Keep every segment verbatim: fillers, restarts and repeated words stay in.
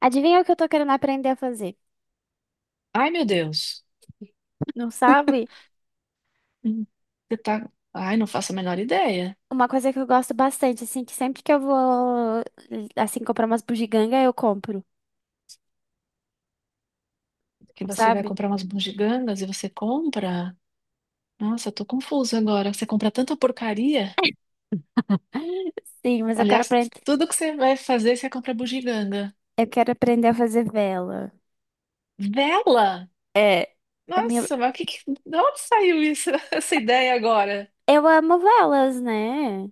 Adivinha o que eu tô querendo aprender a fazer? Ai, meu Deus. Não sabe? Hum. Você tá. Ai, não faço a menor ideia. Uma coisa que eu gosto bastante, assim, que sempre que eu vou, assim, comprar umas bugiganga, eu compro, Que não você vai sabe? comprar umas bugigangas e você compra. Nossa, eu tô confusa agora. Você compra tanta porcaria. Sim, mas eu quero Aliás, aprender, tudo que você vai fazer, você compra bugiganga. eu quero aprender a fazer vela. Vela? É, a minha... Nossa, mas o que que... De onde saiu isso, essa ideia agora? Eu amo velas, né?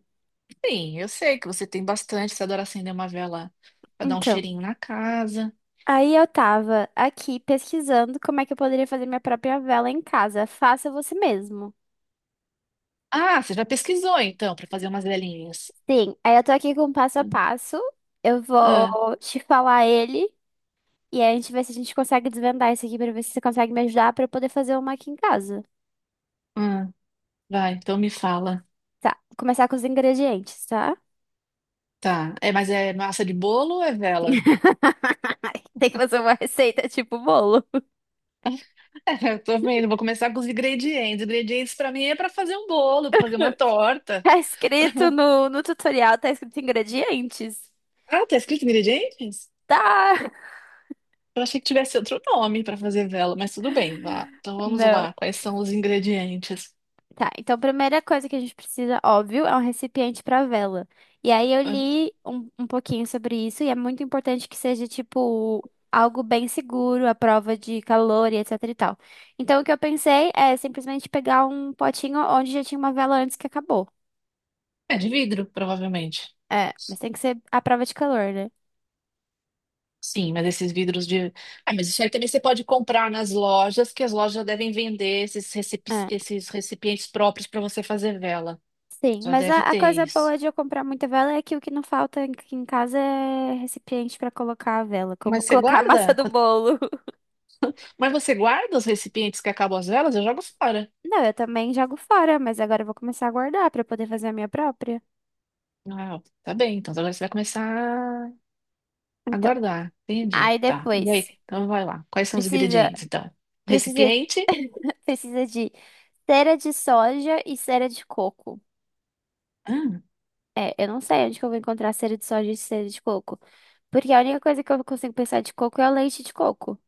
Sim, eu sei que você tem bastante. Você adora acender uma vela pra dar um Então, cheirinho na casa. aí eu tava aqui pesquisando como é que eu poderia fazer minha própria vela em casa. Faça você mesmo. Ah, você já pesquisou então, pra fazer umas velinhas. Sim, aí eu tô aqui com o passo a passo. Eu Ah, vou te falar ele. E aí a gente vê se a gente consegue desvendar isso aqui pra ver se você consegue me ajudar pra eu poder fazer uma aqui em casa. ah, vai, então me fala. Tá, vou começar com os ingredientes, tá? Tá. É, mas é massa de bolo ou é vela? Tem que fazer uma receita tipo bolo. É, eu tô vendo. Vou começar com os ingredientes. Ingredientes pra mim é pra fazer um bolo, pra fazer uma torta. Tá pra- escrito no, no tutorial, tá escrito ingredientes. Ah, tá escrito ingredientes? Tá! Eu achei que tivesse outro nome pra fazer vela, mas tudo bem. Vá. Então vamos Não. lá. Quais são os ingredientes? Tá, então a primeira coisa que a gente precisa, óbvio, é um recipiente para vela. E aí eu Ah, li um, um pouquinho sobre isso e é muito importante que seja, tipo, algo bem seguro, à prova de calor e etc e tal. Então o que eu pensei é simplesmente pegar um potinho onde já tinha uma vela antes que acabou. é de vidro, provavelmente. É, mas tem que ser à prova de calor, né? Sim, mas esses vidros de. Ah, mas isso aí também você pode comprar nas lojas, que as lojas já devem vender esses, recep- É. esses recipientes próprios para você fazer vela. Sim, Já mas a, deve a ter coisa isso. boa de eu comprar muita vela é que o que não falta aqui em casa é recipiente para colocar a vela, como Mas você colocar a massa guarda? do Quando- bolo. Mas você guarda os recipientes que acabam as velas? Eu jogo fora. Não, eu também jogo fora, mas agora eu vou começar a guardar pra eu poder fazer a minha própria. Ah, tá bem. Então agora você vai começar a Então, guardar. Entendi. aí Tá. E depois aí? Então vai lá. Quais são os precisa ingredientes, então? precisa Recipiente. precisa de cera de soja e cera de coco. Ah, É, eu não sei onde que eu vou encontrar cera de soja e cera de coco, porque a única coisa que eu consigo pensar de coco é o leite de coco.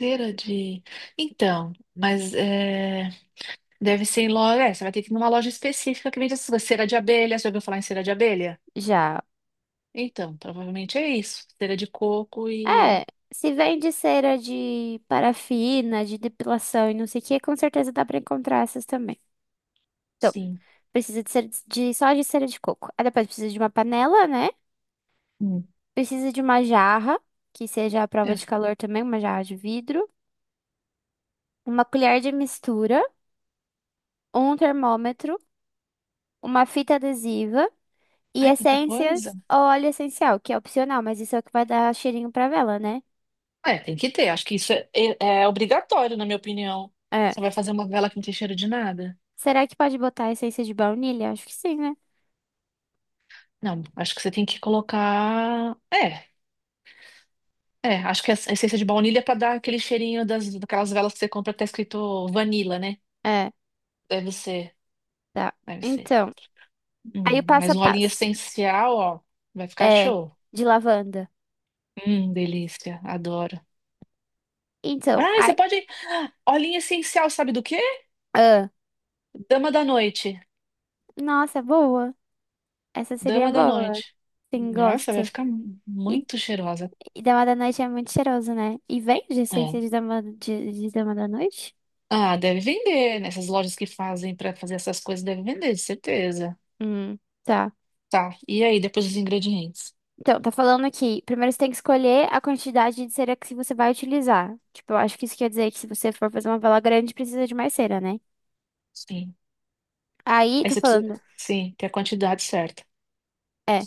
cera de. Então, mas é, deve ser em loja. É, você vai ter que ir numa loja específica que vende essas coisas. Cera de abelha. Você já ouviu falar em cera de abelha? Já. Então, provavelmente é isso. Cera de coco e. É, se vende cera de parafina, de depilação e não sei o que, com certeza dá pra encontrar essas também. Então, Sim. precisa de, cera de só de cera de coco. Aí depois precisa de uma panela, né? Hum. Precisa de uma jarra, que seja à prova É. de calor também, uma jarra de vidro, uma colher de mistura, um termômetro, uma fita adesiva e Ai, quanta coisa! essências ou óleo essencial, que é opcional, mas isso é o que vai dar cheirinho pra vela, né? É, tem que ter. Acho que isso é, é- é obrigatório, na minha opinião. É. Você vai fazer uma vela que não tem cheiro de nada? Será que pode botar essência de baunilha? Acho que sim, né? Não, acho que você tem que colocar. É, é. Acho que a essência de baunilha é pra dar aquele cheirinho das, daquelas velas que você compra que tá escrito vanilla, né? É, Deve ser, tá. deve ser. Então, aí o Hum, passo mas a um olhinho passo. essencial, ó, vai ficar É, show. de lavanda. Hum, delícia, adoro. Então, Ah, ai, você pode. Olhinho essencial, sabe do quê? ah, Dama da noite. nossa, boa. Essa seria Dama da boa. noite. Sim, Nossa, vai gosto. ficar mu- E, muito cheirosa. e Dama da Noite é muito cheiroso, né? E vende É. essência de Dama, de, de Dama da Noite? Ah, deve vender. Nessas lojas que fazem para fazer essas coisas, deve vender, de certeza. Hum, tá. Tá. E aí, depois os ingredientes? Então, tá falando aqui. Primeiro você tem que escolher a quantidade de cera que você vai utilizar. Tipo, eu acho que isso quer dizer que se você for fazer uma vela grande, precisa de mais cera, né? Sim. Aí Aí tá você precisa, falando. sim, ter a quantidade certa. é,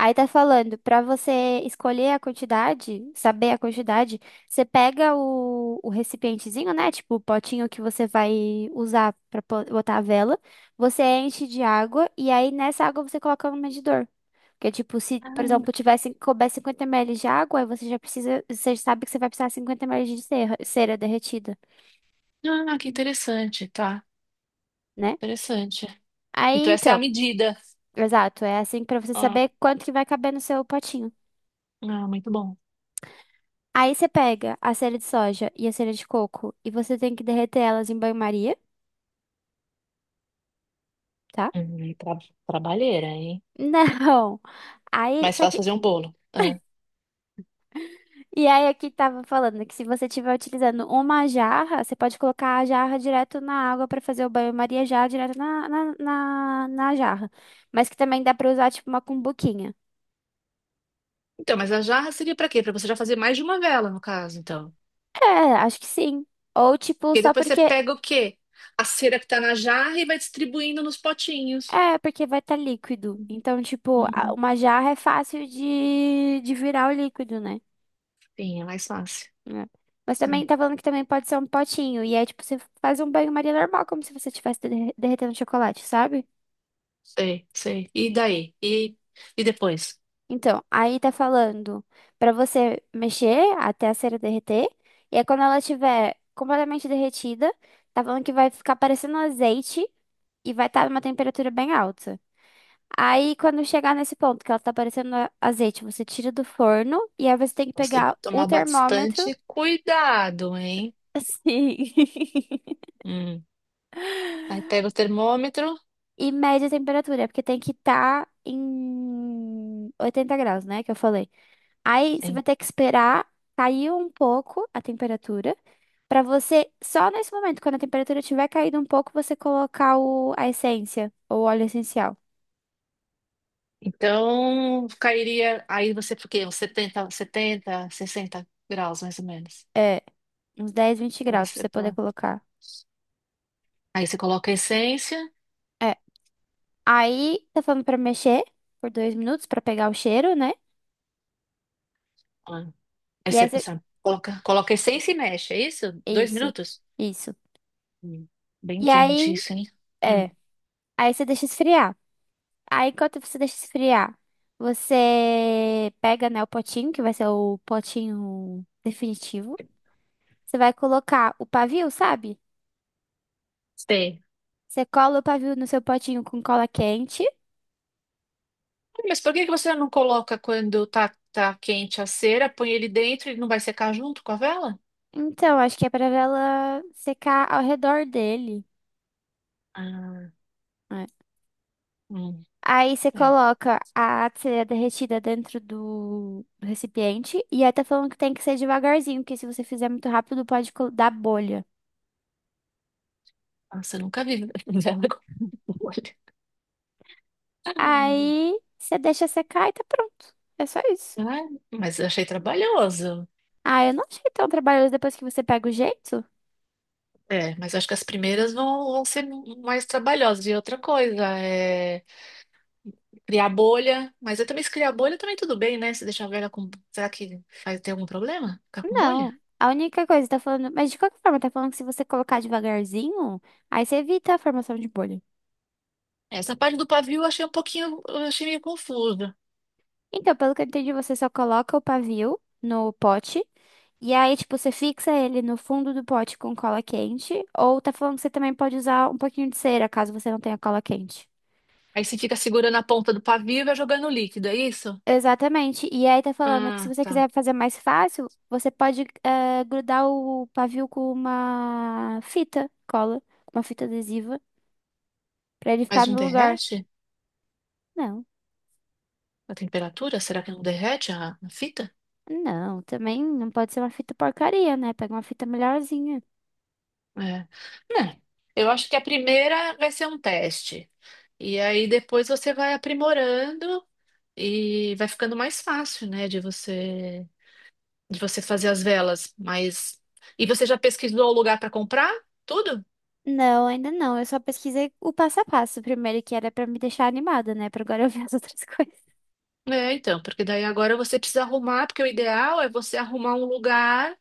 Aí tá falando, pra você escolher a quantidade, saber a quantidade, você pega o, o recipientezinho, né? Tipo, o potinho que você vai usar pra po- botar a vela. Você enche de água e aí nessa água você coloca no medidor. Porque, tipo, se, por exemplo, Ah, tivesse, couber cinquenta mililitros de água, aí você já precisa, você sabe que você vai precisar de cinquenta mililitros de cera, cera derretida, ah, que interessante, tá. né? Interessante. Aí Então essa é a então, medida. exato, é assim pra você Ah, saber quanto que vai caber no seu potinho. ah, muito bom. Aí você pega a cera de soja e a cera de coco e você tem que derreter elas em banho-maria, tá? Hum, tra- trabalheira, hein? Não. Aí, Mais só fácil que, fazer um bolo. Ah. e aí aqui tava falando que se você estiver utilizando uma jarra, você pode colocar a jarra direto na água pra fazer o banho-maria já direto na, na, na, na jarra. Mas que também dá pra usar tipo uma cumbuquinha. Então, mas a jarra seria pra quê? Pra você já fazer mais de uma vela, no caso, então. É, acho que sim. Ou tipo, Porque só depois você porque pega o quê? A cera que tá na jarra e vai distribuindo nos potinhos. é, porque vai estar líquido. Então, tipo, a- Hum. uma jarra é fácil de, de virar o líquido, né? Sim, é mais fácil. É. Mas também Sim, tá falando que também pode ser um potinho. E é tipo, você faz um banho-maria normal, como se você estivesse derre- derretendo chocolate, sabe? sei, sei. E daí? E, e depois? Então, aí tá falando pra você mexer até a cera derreter. E aí, quando ela estiver completamente derretida, tá falando que vai ficar parecendo um azeite e vai estar numa temperatura bem alta. Aí, quando chegar nesse ponto que ela tá parecendo a- azeite, você tira do forno e aí você tem que Você tem pegar que o tomar termômetro. bastante cuidado, hein? Sim. Hum. Aí pega o termômetro. E média temperatura, porque tem que estar em oitenta graus, né? Que eu falei. Aí você Sim. vai ter que esperar cair um pouco a temperatura, pra você, só nesse momento, quando a temperatura tiver caído um pouco, você colocar o, a essência, ou o óleo essencial. Então, cairia. Aí você, porque uns setenta 70, sessenta graus, mais ou menos. É, uns dez vinte Pra graus pra você você poder pôr. colocar. Aí você coloca a essência. É. Aí tá falando pra mexer por dois minutos pra pegar o cheiro, né? Ah, aí E aí você, você... você coloca, coloca a essência e mexe, é isso? Dois Isso, minutos? isso. Hum. Bem E quente aí, isso, hein? Hum. é. Aí você deixa esfriar. Aí, enquanto você deixa esfriar, você pega, né, o potinho, que vai ser o potinho definitivo. Você vai colocar o pavio, sabe? Sei. Você cola o pavio no seu potinho com cola quente. Mas por que que você não coloca quando tá, tá quente a cera, põe ele dentro e não vai secar junto com a vela? Então, acho que é pra ela secar ao redor dele. Ah, É. hum, Aí você é. coloca a cera derretida dentro do do recipiente. E aí tá falando que tem que ser devagarzinho, porque se você fizer muito rápido, pode col- dar bolha. Nossa, eu nunca vi vela com bolha. Aí você deixa secar e tá pronto. É só isso. Ah, mas eu achei trabalhoso. Ah, eu não achei tão trabalhoso depois que você pega o jeito. É, mas acho que as primeiras vão, vão ser mais trabalhosas. E outra coisa, é criar bolha. Mas eu também, se criar bolha, também tudo bem, né? Se deixar a vela com. Será que vai ter algum problema? Ficar com bolha? Não. A única coisa, tá falando. Mas de qualquer forma, tá falando que se você colocar devagarzinho, aí você evita a formação de bolha. Essa parte do pavio eu achei um pouquinho. Eu achei meio confuso. Então, pelo que eu entendi, você só coloca o pavio no pote. E aí, tipo, você fixa ele no fundo do pote com cola quente. Ou tá falando que você também pode usar um pouquinho de cera, caso você não tenha cola quente. Aí você fica segurando a ponta do pavio e vai jogando o líquido, é isso? Exatamente. E aí tá falando que se Ah, você tá. quiser fazer mais fácil, você pode eh, grudar o pavio com uma fita cola, com uma fita adesiva, pra ele ficar Mas não no lugar. derrete? Não, A temperatura? Será que não derrete a, a fita? não, também não pode ser uma fita porcaria, né? Pega uma fita melhorzinha. É. Não. Eu acho que a primeira vai ser um teste. E aí depois você vai aprimorando e vai ficando mais fácil, né, de você de você fazer as velas, mas e você já pesquisou o lugar para comprar? Tudo? Não, ainda não. Eu só pesquisei o passo a passo primeiro, que era pra me deixar animada, né? Pra agora eu ver as outras coisas. É, então, porque daí agora você precisa arrumar, porque o ideal é você arrumar um lugar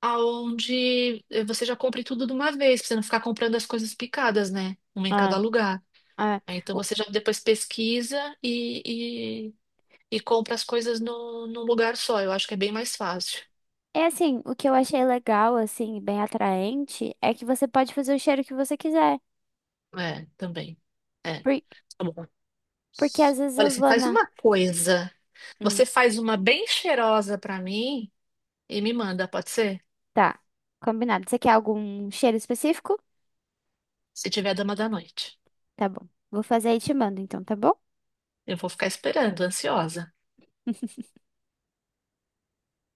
aonde eh, você já compre tudo de uma vez, pra você não ficar comprando as coisas picadas, né? Uma em cada Ah, lugar. ah, Aí, então o- você já depois pesquisa e, e, e compra as coisas no, num lugar só. Eu acho que é bem mais fácil. é assim, o que eu achei legal, assim, bem atraente, é que você pode fazer o cheiro que você quiser. É, também. É. Tá bom. Porque às vezes Olha, eu você vou faz na. uma coisa. Hum, Você faz uma bem cheirosa pra mim e me manda, pode ser? tá. Combinado. Você quer algum cheiro específico? Se tiver dama da noite. Tá bom. Vou fazer e te mando, então, tá bom? Eu vou ficar esperando, ansiosa.